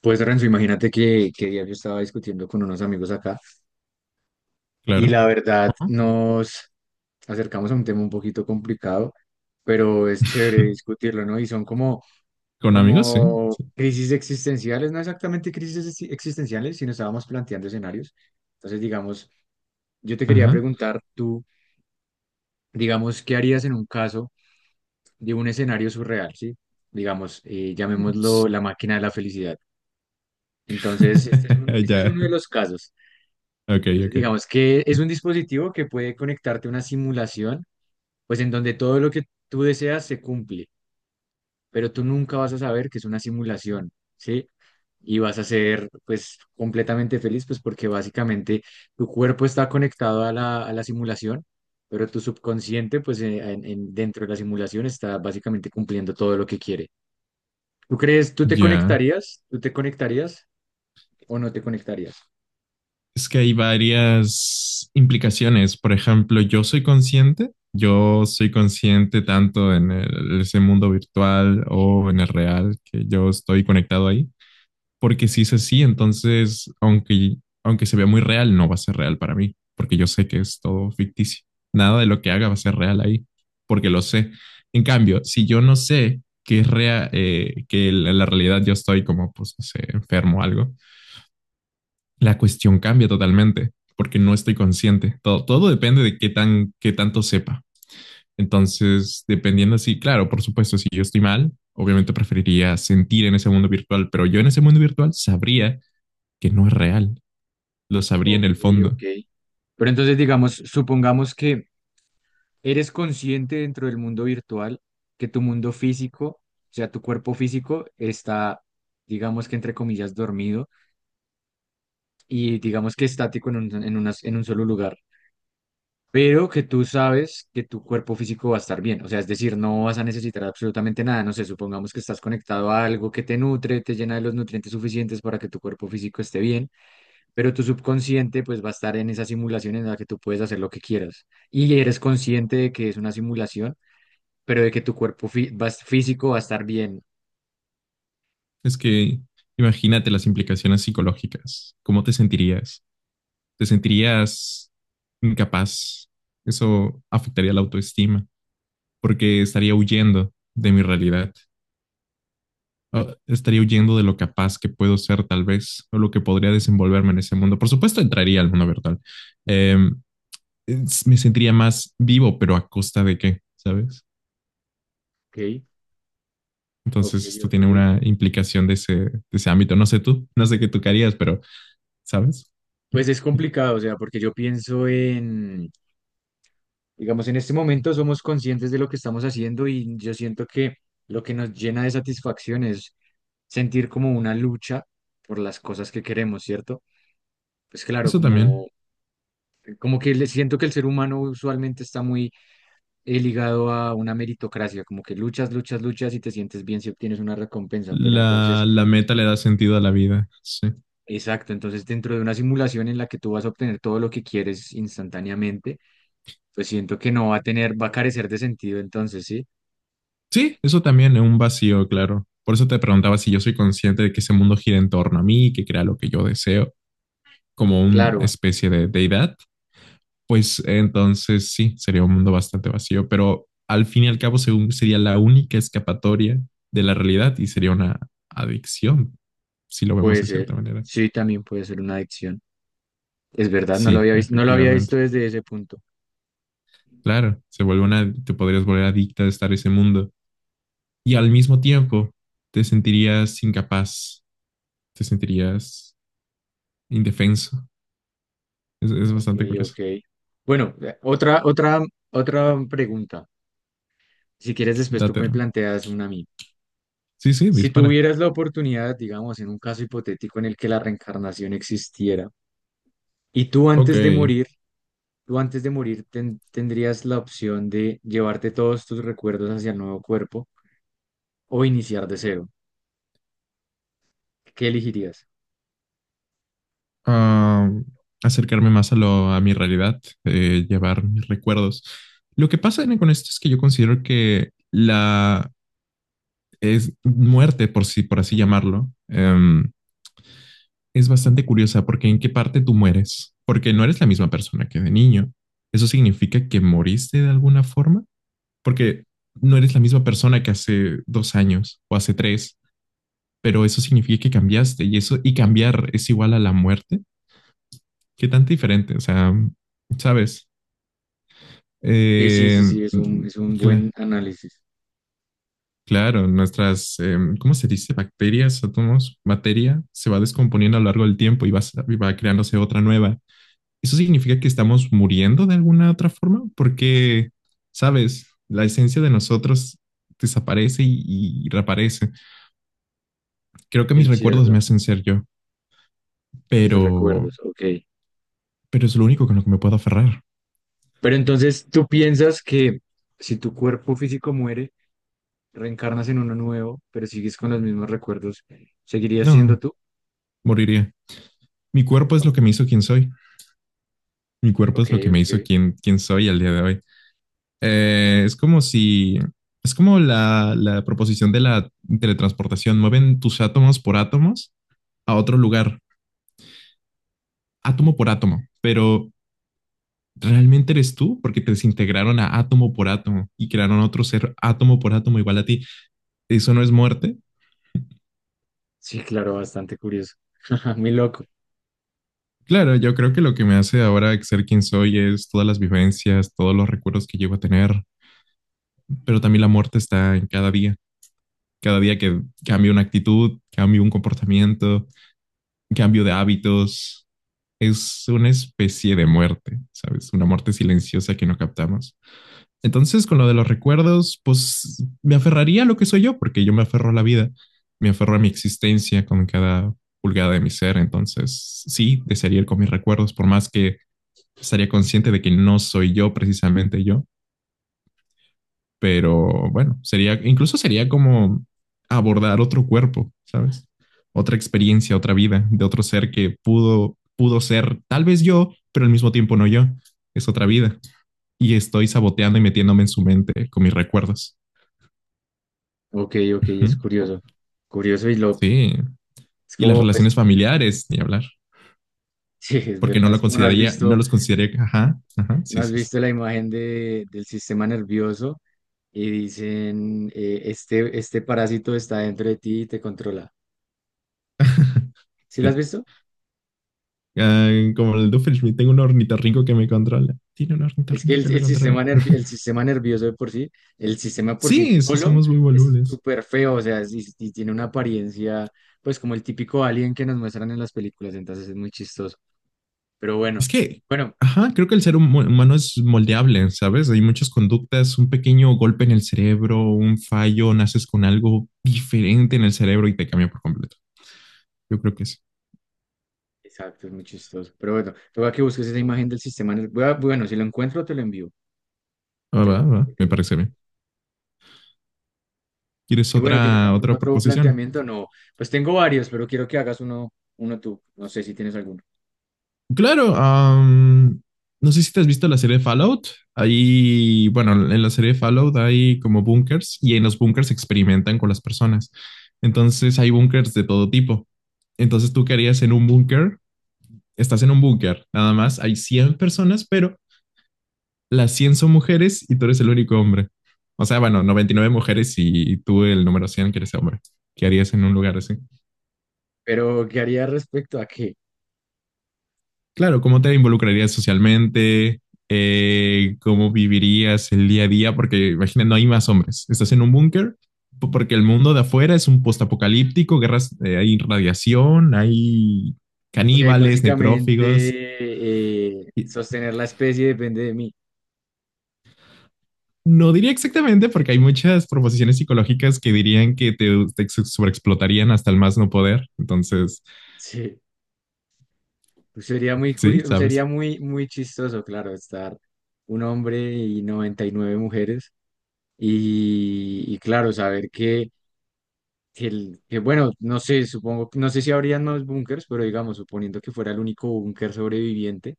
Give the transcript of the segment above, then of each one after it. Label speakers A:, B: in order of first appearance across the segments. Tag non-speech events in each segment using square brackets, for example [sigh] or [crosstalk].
A: Pues Renzo, imagínate que ayer yo estaba discutiendo con unos amigos acá y
B: Claro.
A: la verdad
B: Ajá.
A: nos acercamos a un tema un poquito complicado, pero es chévere
B: [laughs]
A: discutirlo, ¿no? Y son como,
B: Con amigos, sí.
A: como
B: Sí.
A: crisis existenciales, no exactamente crisis existenciales, sino estábamos planteando escenarios. Entonces, digamos, yo te quería
B: Ajá.
A: preguntar tú, digamos, ¿qué harías en un caso de un escenario surreal? ¿Sí? Digamos,
B: S-
A: llamémoslo la máquina de la felicidad. Entonces,
B: [laughs]
A: este es
B: Ya.
A: uno de los casos.
B: Ok, ok.
A: Digamos que es un dispositivo que puede conectarte a una simulación, pues en donde todo lo que tú deseas se cumple, pero tú nunca vas a saber que es una simulación, ¿sí? Y vas a ser pues completamente feliz, pues porque básicamente tu cuerpo está conectado a la simulación, pero tu subconsciente pues dentro de la simulación está básicamente cumpliendo todo lo que quiere. ¿Tú crees? ¿Tú te
B: Ya.
A: conectarías? ¿Tú te conectarías o no te conectarías?
B: Es que hay varias implicaciones. Por ejemplo, yo soy consciente. Yo soy consciente tanto en ese mundo virtual o en el real que yo estoy conectado ahí. Porque si es así, entonces, aunque se vea muy real, no va a ser real para mí, porque yo sé que es todo ficticio. Nada de lo que haga va a ser real ahí, porque lo sé. En cambio, si yo no sé que es real, que en la realidad yo estoy como, pues, no sé, enfermo o algo, la cuestión cambia totalmente, porque no estoy consciente. Todo depende de qué tanto sepa. Entonces, dependiendo así, claro, por supuesto, si yo estoy mal, obviamente preferiría sentir en ese mundo virtual, pero yo en ese mundo virtual sabría que no es real. Lo sabría en
A: Ok,
B: el fondo.
A: ok. Pero entonces digamos, supongamos que eres consciente dentro del mundo virtual, que tu mundo físico, o sea, tu cuerpo físico está, digamos que entre comillas, dormido, y digamos que estático en un solo lugar, pero que tú sabes que tu cuerpo físico va a estar bien, o sea, es decir, no vas a necesitar absolutamente nada, no sé, supongamos que estás conectado a algo que te nutre, te llena de los nutrientes suficientes para que tu cuerpo físico esté bien, pero tu subconsciente pues va a estar en esa simulación en la que tú puedes hacer lo que quieras y eres consciente de que es una simulación pero de que tu cuerpo físico va a estar bien.
B: Es que imagínate las implicaciones psicológicas. ¿Cómo te sentirías? ¿Te sentirías incapaz? Eso afectaría la autoestima porque estaría huyendo de mi realidad. O estaría huyendo de lo capaz que puedo ser tal vez o lo que podría desenvolverme en ese mundo. Por supuesto, entraría al mundo virtual. Em, me sentiría más vivo, pero a costa de qué, ¿sabes?
A: Ok, ok,
B: Entonces, esto
A: ok.
B: tiene una implicación de ese ámbito. No sé tú, no sé qué tú querías, pero ¿sabes?
A: Pues es complicado, o sea, porque yo pienso en, digamos, en este momento somos conscientes de lo que estamos haciendo y yo siento que lo que nos llena de satisfacción es sentir como una lucha por las cosas que queremos, ¿cierto? Pues claro,
B: Eso
A: como,
B: también.
A: como que le siento que el ser humano usualmente está muy ligado a una meritocracia, como que luchas, luchas, luchas y te sientes bien si obtienes una recompensa, pero
B: La,
A: entonces.
B: la meta le da sentido a la vida. Sí.
A: Exacto, entonces dentro de una simulación en la que tú vas a obtener todo lo que quieres instantáneamente, pues siento que no va a tener, va a carecer de sentido entonces, ¿sí?
B: Sí, eso también es un vacío, claro. Por eso te preguntaba si yo soy consciente de que ese mundo gira en torno a mí, que crea lo que yo deseo, como una
A: Claro,
B: especie de deidad. Pues entonces sí, sería un mundo bastante vacío, pero al fin y al cabo según sería la única escapatoria de la realidad y sería una adicción, si lo vemos
A: puede
B: de cierta
A: ser,
B: manera.
A: sí, también puede ser una adicción. Es verdad, no lo
B: Sí,
A: había visto, no lo había
B: efectivamente.
A: visto desde ese punto.
B: Claro, se vuelve una, te podrías volver adicta de estar en ese mundo. Y al mismo tiempo te sentirías incapaz, te sentirías indefenso. Es
A: Ok,
B: bastante curioso.
A: ok. Bueno, otra pregunta. Si quieres, después tú
B: Date.
A: me
B: ¿No?
A: planteas una a mí.
B: Sí, sí,
A: Si
B: dispara.
A: tuvieras la oportunidad, digamos, en un caso hipotético en el que la reencarnación existiera, y tú
B: Ok.
A: antes de morir tú antes de morir tendrías la opción de llevarte todos tus recuerdos hacia el nuevo cuerpo o iniciar de cero. ¿Qué elegirías?
B: ah, acercarme más a mi realidad, llevar mis recuerdos. Lo que pasa, Ene, con esto es que yo considero que la es muerte, por así llamarlo, es bastante curiosa porque en qué parte tú mueres, porque no eres la misma persona que de niño. ¿Eso significa que moriste de alguna forma? Porque no eres la misma persona que hace 2 años o hace tres, pero eso significa que cambiaste y eso y cambiar es igual a la muerte. ¿Qué tan diferente? O sea, sabes,
A: Sí, sí,
B: Eh,
A: sí, sí, es un buen
B: cla-
A: análisis.
B: claro, nuestras, ¿cómo se dice? Bacterias, átomos, materia se va descomponiendo a lo largo del tiempo y va creándose otra nueva. Eso significa que estamos muriendo de alguna otra forma, porque, sabes, la esencia de nosotros desaparece y reaparece. Creo que mis
A: Es
B: recuerdos
A: cierto,
B: me hacen ser yo,
A: los
B: pero,
A: recuerdos, ok.
B: pero es lo único con lo que me puedo aferrar.
A: Pero entonces tú piensas que si tu cuerpo físico muere, reencarnas en uno nuevo, pero sigues con los mismos recuerdos, ¿seguirías siendo
B: No,
A: tú?
B: moriría. Mi cuerpo es
A: Ok,
B: lo que me hizo quien soy. Mi cuerpo
A: ok.
B: es lo que me hizo
A: Ok.
B: quien soy al día de hoy. Es como si, es como la proposición de la teletransportación. Mueven tus átomos por átomos a otro lugar, átomo por átomo, pero ¿realmente eres tú? Porque te desintegraron a átomo por átomo y crearon otro ser átomo por átomo igual a ti. ¿Eso no es muerte?
A: Sí, claro, bastante curioso. [laughs] Muy loco.
B: Claro, yo creo que lo que me hace ahora ser quien soy es todas las vivencias, todos los recuerdos que llevo a tener, pero también la muerte está en cada día. Cada día que cambio una actitud, cambio un comportamiento, cambio de hábitos, es una especie de muerte, ¿sabes? Una muerte silenciosa que no captamos. Entonces, con lo de los recuerdos, pues me aferraría a lo que soy yo, porque yo me aferro a la vida, me aferro a mi existencia con cada pulgada de mi ser. Entonces, sí, desearía ir con mis recuerdos, por más que estaría consciente de que no soy yo precisamente yo, pero bueno, sería, incluso sería como abordar otro cuerpo, ¿sabes? Otra experiencia, otra vida de otro ser que pudo ser tal vez yo, pero al mismo tiempo no yo. Es otra vida. Y estoy saboteando y metiéndome en su mente con mis recuerdos.
A: Ok, ok,
B: Ujú.
A: es curioso. Curioso y loco.
B: Sí.
A: Es
B: Y las
A: como...
B: relaciones familiares, ni hablar,
A: Sí, es
B: porque no
A: verdad,
B: lo
A: es como no has
B: consideraría, no
A: visto.
B: los consideraría, ajá, ajá,
A: No
B: sí,
A: has
B: sí, sí.
A: visto la imagen de, del sistema nervioso y dicen, este parásito está dentro de ti y te controla.
B: [laughs]
A: ¿Sí lo has
B: Sí.
A: visto?
B: Ah, como el Doofenshmirtz, tengo un ornitorrinco que me controla. Tiene un
A: Es que
B: ornitorrinco que
A: el,
B: lo
A: el
B: controla.
A: sistema nervi- el sistema nervioso de por sí, el sistema por sí
B: Sí, sí,
A: solo
B: somos muy
A: es
B: volubles.
A: súper feo, o sea, y sí tiene una apariencia, pues como el típico alien que nos muestran en las películas, entonces es muy chistoso. Pero bueno,
B: Es que,
A: bueno,
B: ajá, creo que el ser humano es moldeable, ¿sabes? Hay muchas conductas, un pequeño golpe en el cerebro, un fallo, naces con algo diferente en el cerebro y te cambia por completo. Yo creo que sí.
A: exacto, es muy chistoso. Pero bueno, toca que busques esa imagen del sistema nervioso. Bueno, si lo encuentro, te lo envío.
B: Ah,
A: Te lo
B: va,
A: envío
B: va,
A: porque
B: me
A: es muy...
B: parece bien. ¿Quieres
A: Y bueno, ¿tienes
B: otra,
A: algún
B: otra
A: otro
B: proposición?
A: planteamiento? No, pues tengo varios, pero quiero que hagas uno, uno tú. No sé si tienes alguno.
B: Claro, no sé si te has visto la serie Fallout. Ahí, bueno, en la serie Fallout hay como búnkers y en los búnkers experimentan con las personas. Entonces hay búnkers de todo tipo. Entonces tú qué harías en un búnker, estás en un búnker, nada más, hay 100 personas, pero las 100 son mujeres y tú eres el único hombre. O sea, bueno, 99 mujeres y tú el número 100 que eres hombre. ¿Qué harías en un lugar así?
A: Pero, ¿qué haría respecto a qué?
B: Claro, ¿cómo te involucrarías socialmente? ¿Cómo vivirías el día a día? Porque imagina, no hay más hombres. Estás en un búnker porque el mundo de afuera es un postapocalíptico, guerras, hay radiación, hay
A: O sea, y
B: caníbales, necrófagos.
A: básicamente
B: Y
A: sostener la especie depende de mí. [laughs]
B: no diría exactamente porque hay muchas proposiciones psicológicas que dirían que te sobreexplotarían hasta el más no poder. Entonces,
A: Sí, pues sería muy
B: sí,
A: curioso, sería
B: sabes.
A: muy, muy chistoso, claro, estar un hombre y 99 mujeres. Y claro, saber que, bueno, no sé, supongo, no sé si habrían más búnkers, pero digamos, suponiendo que fuera el único búnker sobreviviente.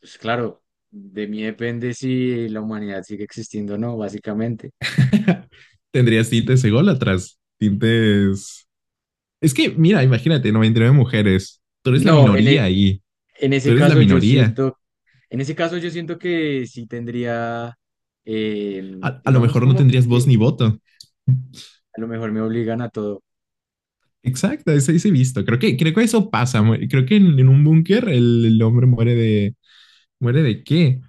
A: Pues claro, de mí depende si la humanidad sigue existiendo o no, básicamente.
B: [laughs] Tendrías tintes ególatras, tintes. Es que, mira, imagínate, 99 mujeres. Tú eres la
A: No,
B: minoría ahí.
A: en
B: Tú
A: ese
B: eres la
A: caso yo
B: minoría.
A: siento, en ese caso yo siento que sí tendría, eh,
B: A lo
A: digamos
B: mejor no
A: como
B: tendrías voz
A: que
B: ni voto.
A: a lo mejor me obligan a todo.
B: Exacto, eso hice visto. Creo que eso pasa. Creo que en un búnker el hombre muere de... ¿Muere de qué?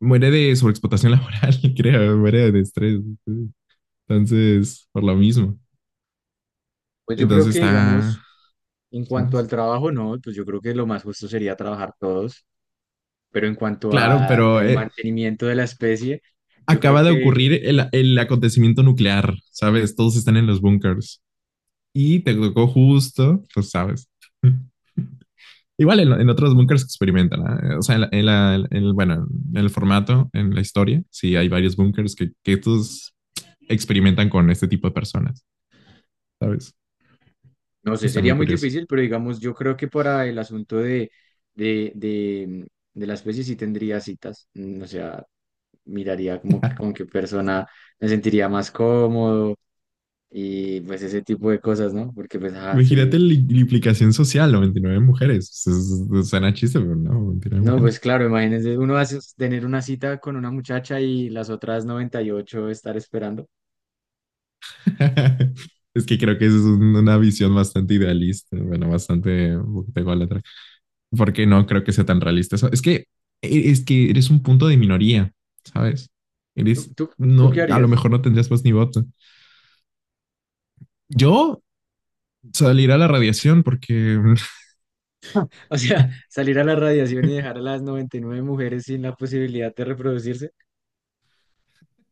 B: Muere de sobreexplotación [laughs] laboral, creo. Muere de estrés. Entonces, por lo mismo.
A: Pues yo creo
B: Entonces
A: que,
B: está...
A: digamos, en cuanto
B: ¿sabes?
A: al trabajo, no, pues yo creo que lo más justo sería trabajar todos, pero en cuanto
B: Claro,
A: a
B: pero
A: el mantenimiento de la especie, yo creo
B: acaba de
A: que...
B: ocurrir el acontecimiento nuclear, ¿sabes? Todos están en los búnkers. Y te tocó justo, pues sabes. Igual en otros bunkers experimentan, ¿ah? O sea, en el, bueno, en el formato, en la historia, sí hay varios bunkers que estos experimentan con este tipo de personas, ¿sabes?
A: No sé,
B: Está
A: sería
B: muy
A: muy
B: curioso.
A: difícil, pero digamos, yo creo que para el asunto de, de, de la especie sí tendría citas. O sea, miraría como que con qué persona me sentiría más cómodo y pues ese tipo de cosas, ¿no? Porque pues, ah,
B: Imagínate
A: soy...
B: la implicación social, 99 mujeres. Suena chiste, pero no, 29
A: No,
B: mujeres.
A: pues claro, imagínense, uno hace tener una cita con una muchacha y las otras 98 estar esperando.
B: [laughs] Es que creo que esa es una visión bastante idealista, bueno, bastante, un poquito ególatra. Porque no creo que sea tan realista eso. Es que, es que eres un punto de minoría, ¿sabes?
A: ¿Tú,
B: Eres,
A: tú, tú qué
B: no, a lo
A: harías?
B: mejor no
A: [laughs]
B: tendrías voz ni voto. Yo salir a la radiación porque
A: O sea, salir a la radiación y dejar a las 99 mujeres sin la posibilidad de reproducirse,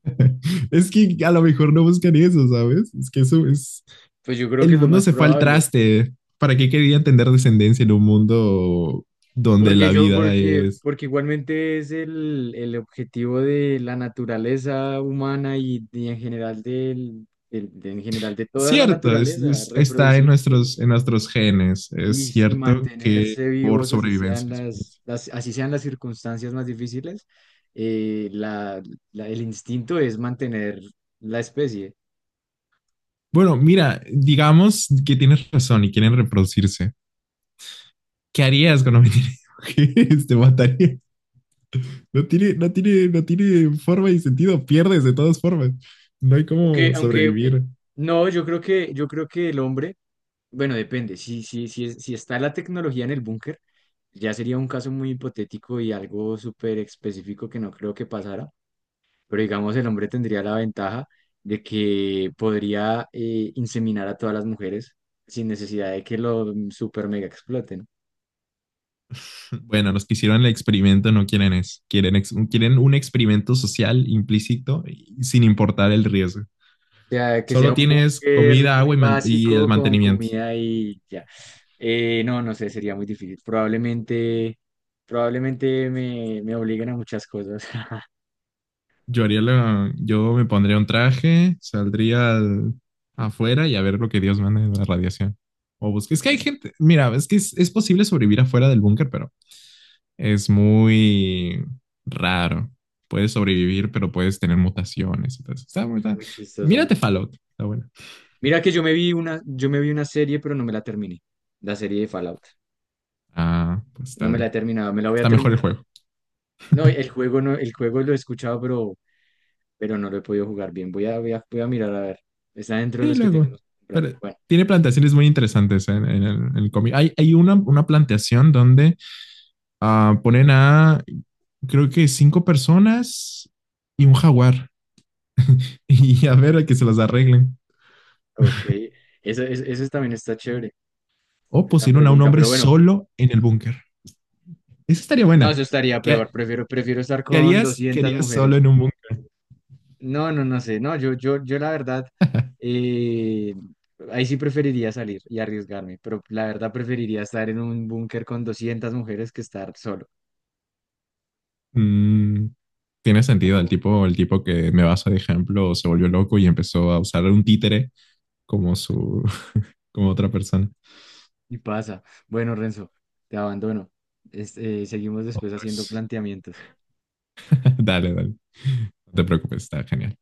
B: [laughs] es que a lo mejor no buscan eso, ¿sabes? Es que eso es,
A: pues yo creo que
B: el
A: es lo
B: mundo
A: más
B: se fue al
A: probable.
B: traste. ¿Para qué querían tener descendencia en un mundo donde
A: Porque
B: la
A: yo,
B: vida
A: porque,
B: es?
A: porque igualmente es el objetivo de la naturaleza humana y en general de toda la
B: Cierto.
A: naturaleza,
B: Está en
A: reproducirse y,
B: nuestros genes. Es
A: y- y
B: cierto que
A: mantenerse
B: por
A: vivos,
B: sobrevivencia.
A: así sean las circunstancias más difíciles, eh, la- el instinto es mantener la especie.
B: Bueno, mira, digamos que tienes razón y quieren reproducirse. ¿Qué harías cuando me tiene [laughs] mujeres? Te mataría. No tiene forma y sentido. Pierdes de todas formas. No hay
A: Aunque,
B: cómo
A: aunque
B: sobrevivir.
A: no, yo creo que el hombre... Bueno, depende. Si está la tecnología en el búnker, ya sería un caso muy hipotético y algo súper específico que no creo que pasara. Pero digamos, el hombre tendría la ventaja de que podría inseminar a todas las mujeres sin necesidad de que lo super mega exploten. O
B: Bueno, los que hicieron el experimento no quieren eso. Quieren un experimento social implícito y sin importar el riesgo.
A: sea, que sea
B: Solo
A: un
B: tienes
A: búnker
B: comida,
A: muy
B: agua y el
A: básico con
B: mantenimiento.
A: comida y ya. No, no sé, sería muy difícil. Probablemente me obliguen a muchas cosas. [laughs]
B: Yo me pondría un traje, saldría afuera y a ver lo que Dios manda de la radiación. O busque. Es que hay gente, mira, es que es posible sobrevivir afuera del búnker, pero es muy raro. Puedes sobrevivir, pero puedes tener mutaciones. Entonces,
A: Muy chistoso, ¿no?
B: mírate Fallout, está bueno.
A: Mira que yo me vi una serie, pero no me la terminé. La serie de Fallout.
B: Ah, pues está
A: No me la he
B: bien.
A: terminado, me la voy a
B: Está mejor el
A: terminar.
B: juego.
A: No, el juego no, el juego lo he escuchado, pero no lo he podido jugar bien. Voy a mirar a ver. Está dentro de
B: Sí,
A: los que
B: luego.
A: tenemos que comprar.
B: Pero
A: Bueno,
B: tiene plantaciones muy interesantes en el cómic. Hay una plantación donde ponen a creo que cinco personas y un jaguar. [laughs] Y a ver a que se las arreglen.
A: ok. Eso también está chévere,
B: O
A: esa
B: pusieron a un
A: pregunta.
B: hombre
A: Pero bueno,
B: solo en el búnker. Esa estaría
A: no,
B: buena.
A: eso estaría
B: ¿Qué,
A: peor. Prefiero estar
B: qué
A: con
B: harías? ¿Qué
A: 200
B: harías solo
A: mujeres.
B: en un búnker?
A: No, no, no sé. No, yo la verdad, eh, ahí sí preferiría salir y arriesgarme, pero la verdad preferiría estar en un búnker con 200 mujeres que estar solo.
B: Mm, tiene sentido. El
A: Oh.
B: tipo, el tipo que me basa de ejemplo se volvió loco y empezó a usar un títere como su, [laughs] como otra persona.
A: Y pasa. Bueno, Renzo, te abandono. Seguimos después
B: Otra
A: haciendo
B: vez.
A: planteamientos.
B: [laughs] Dale, dale. No te preocupes, está genial.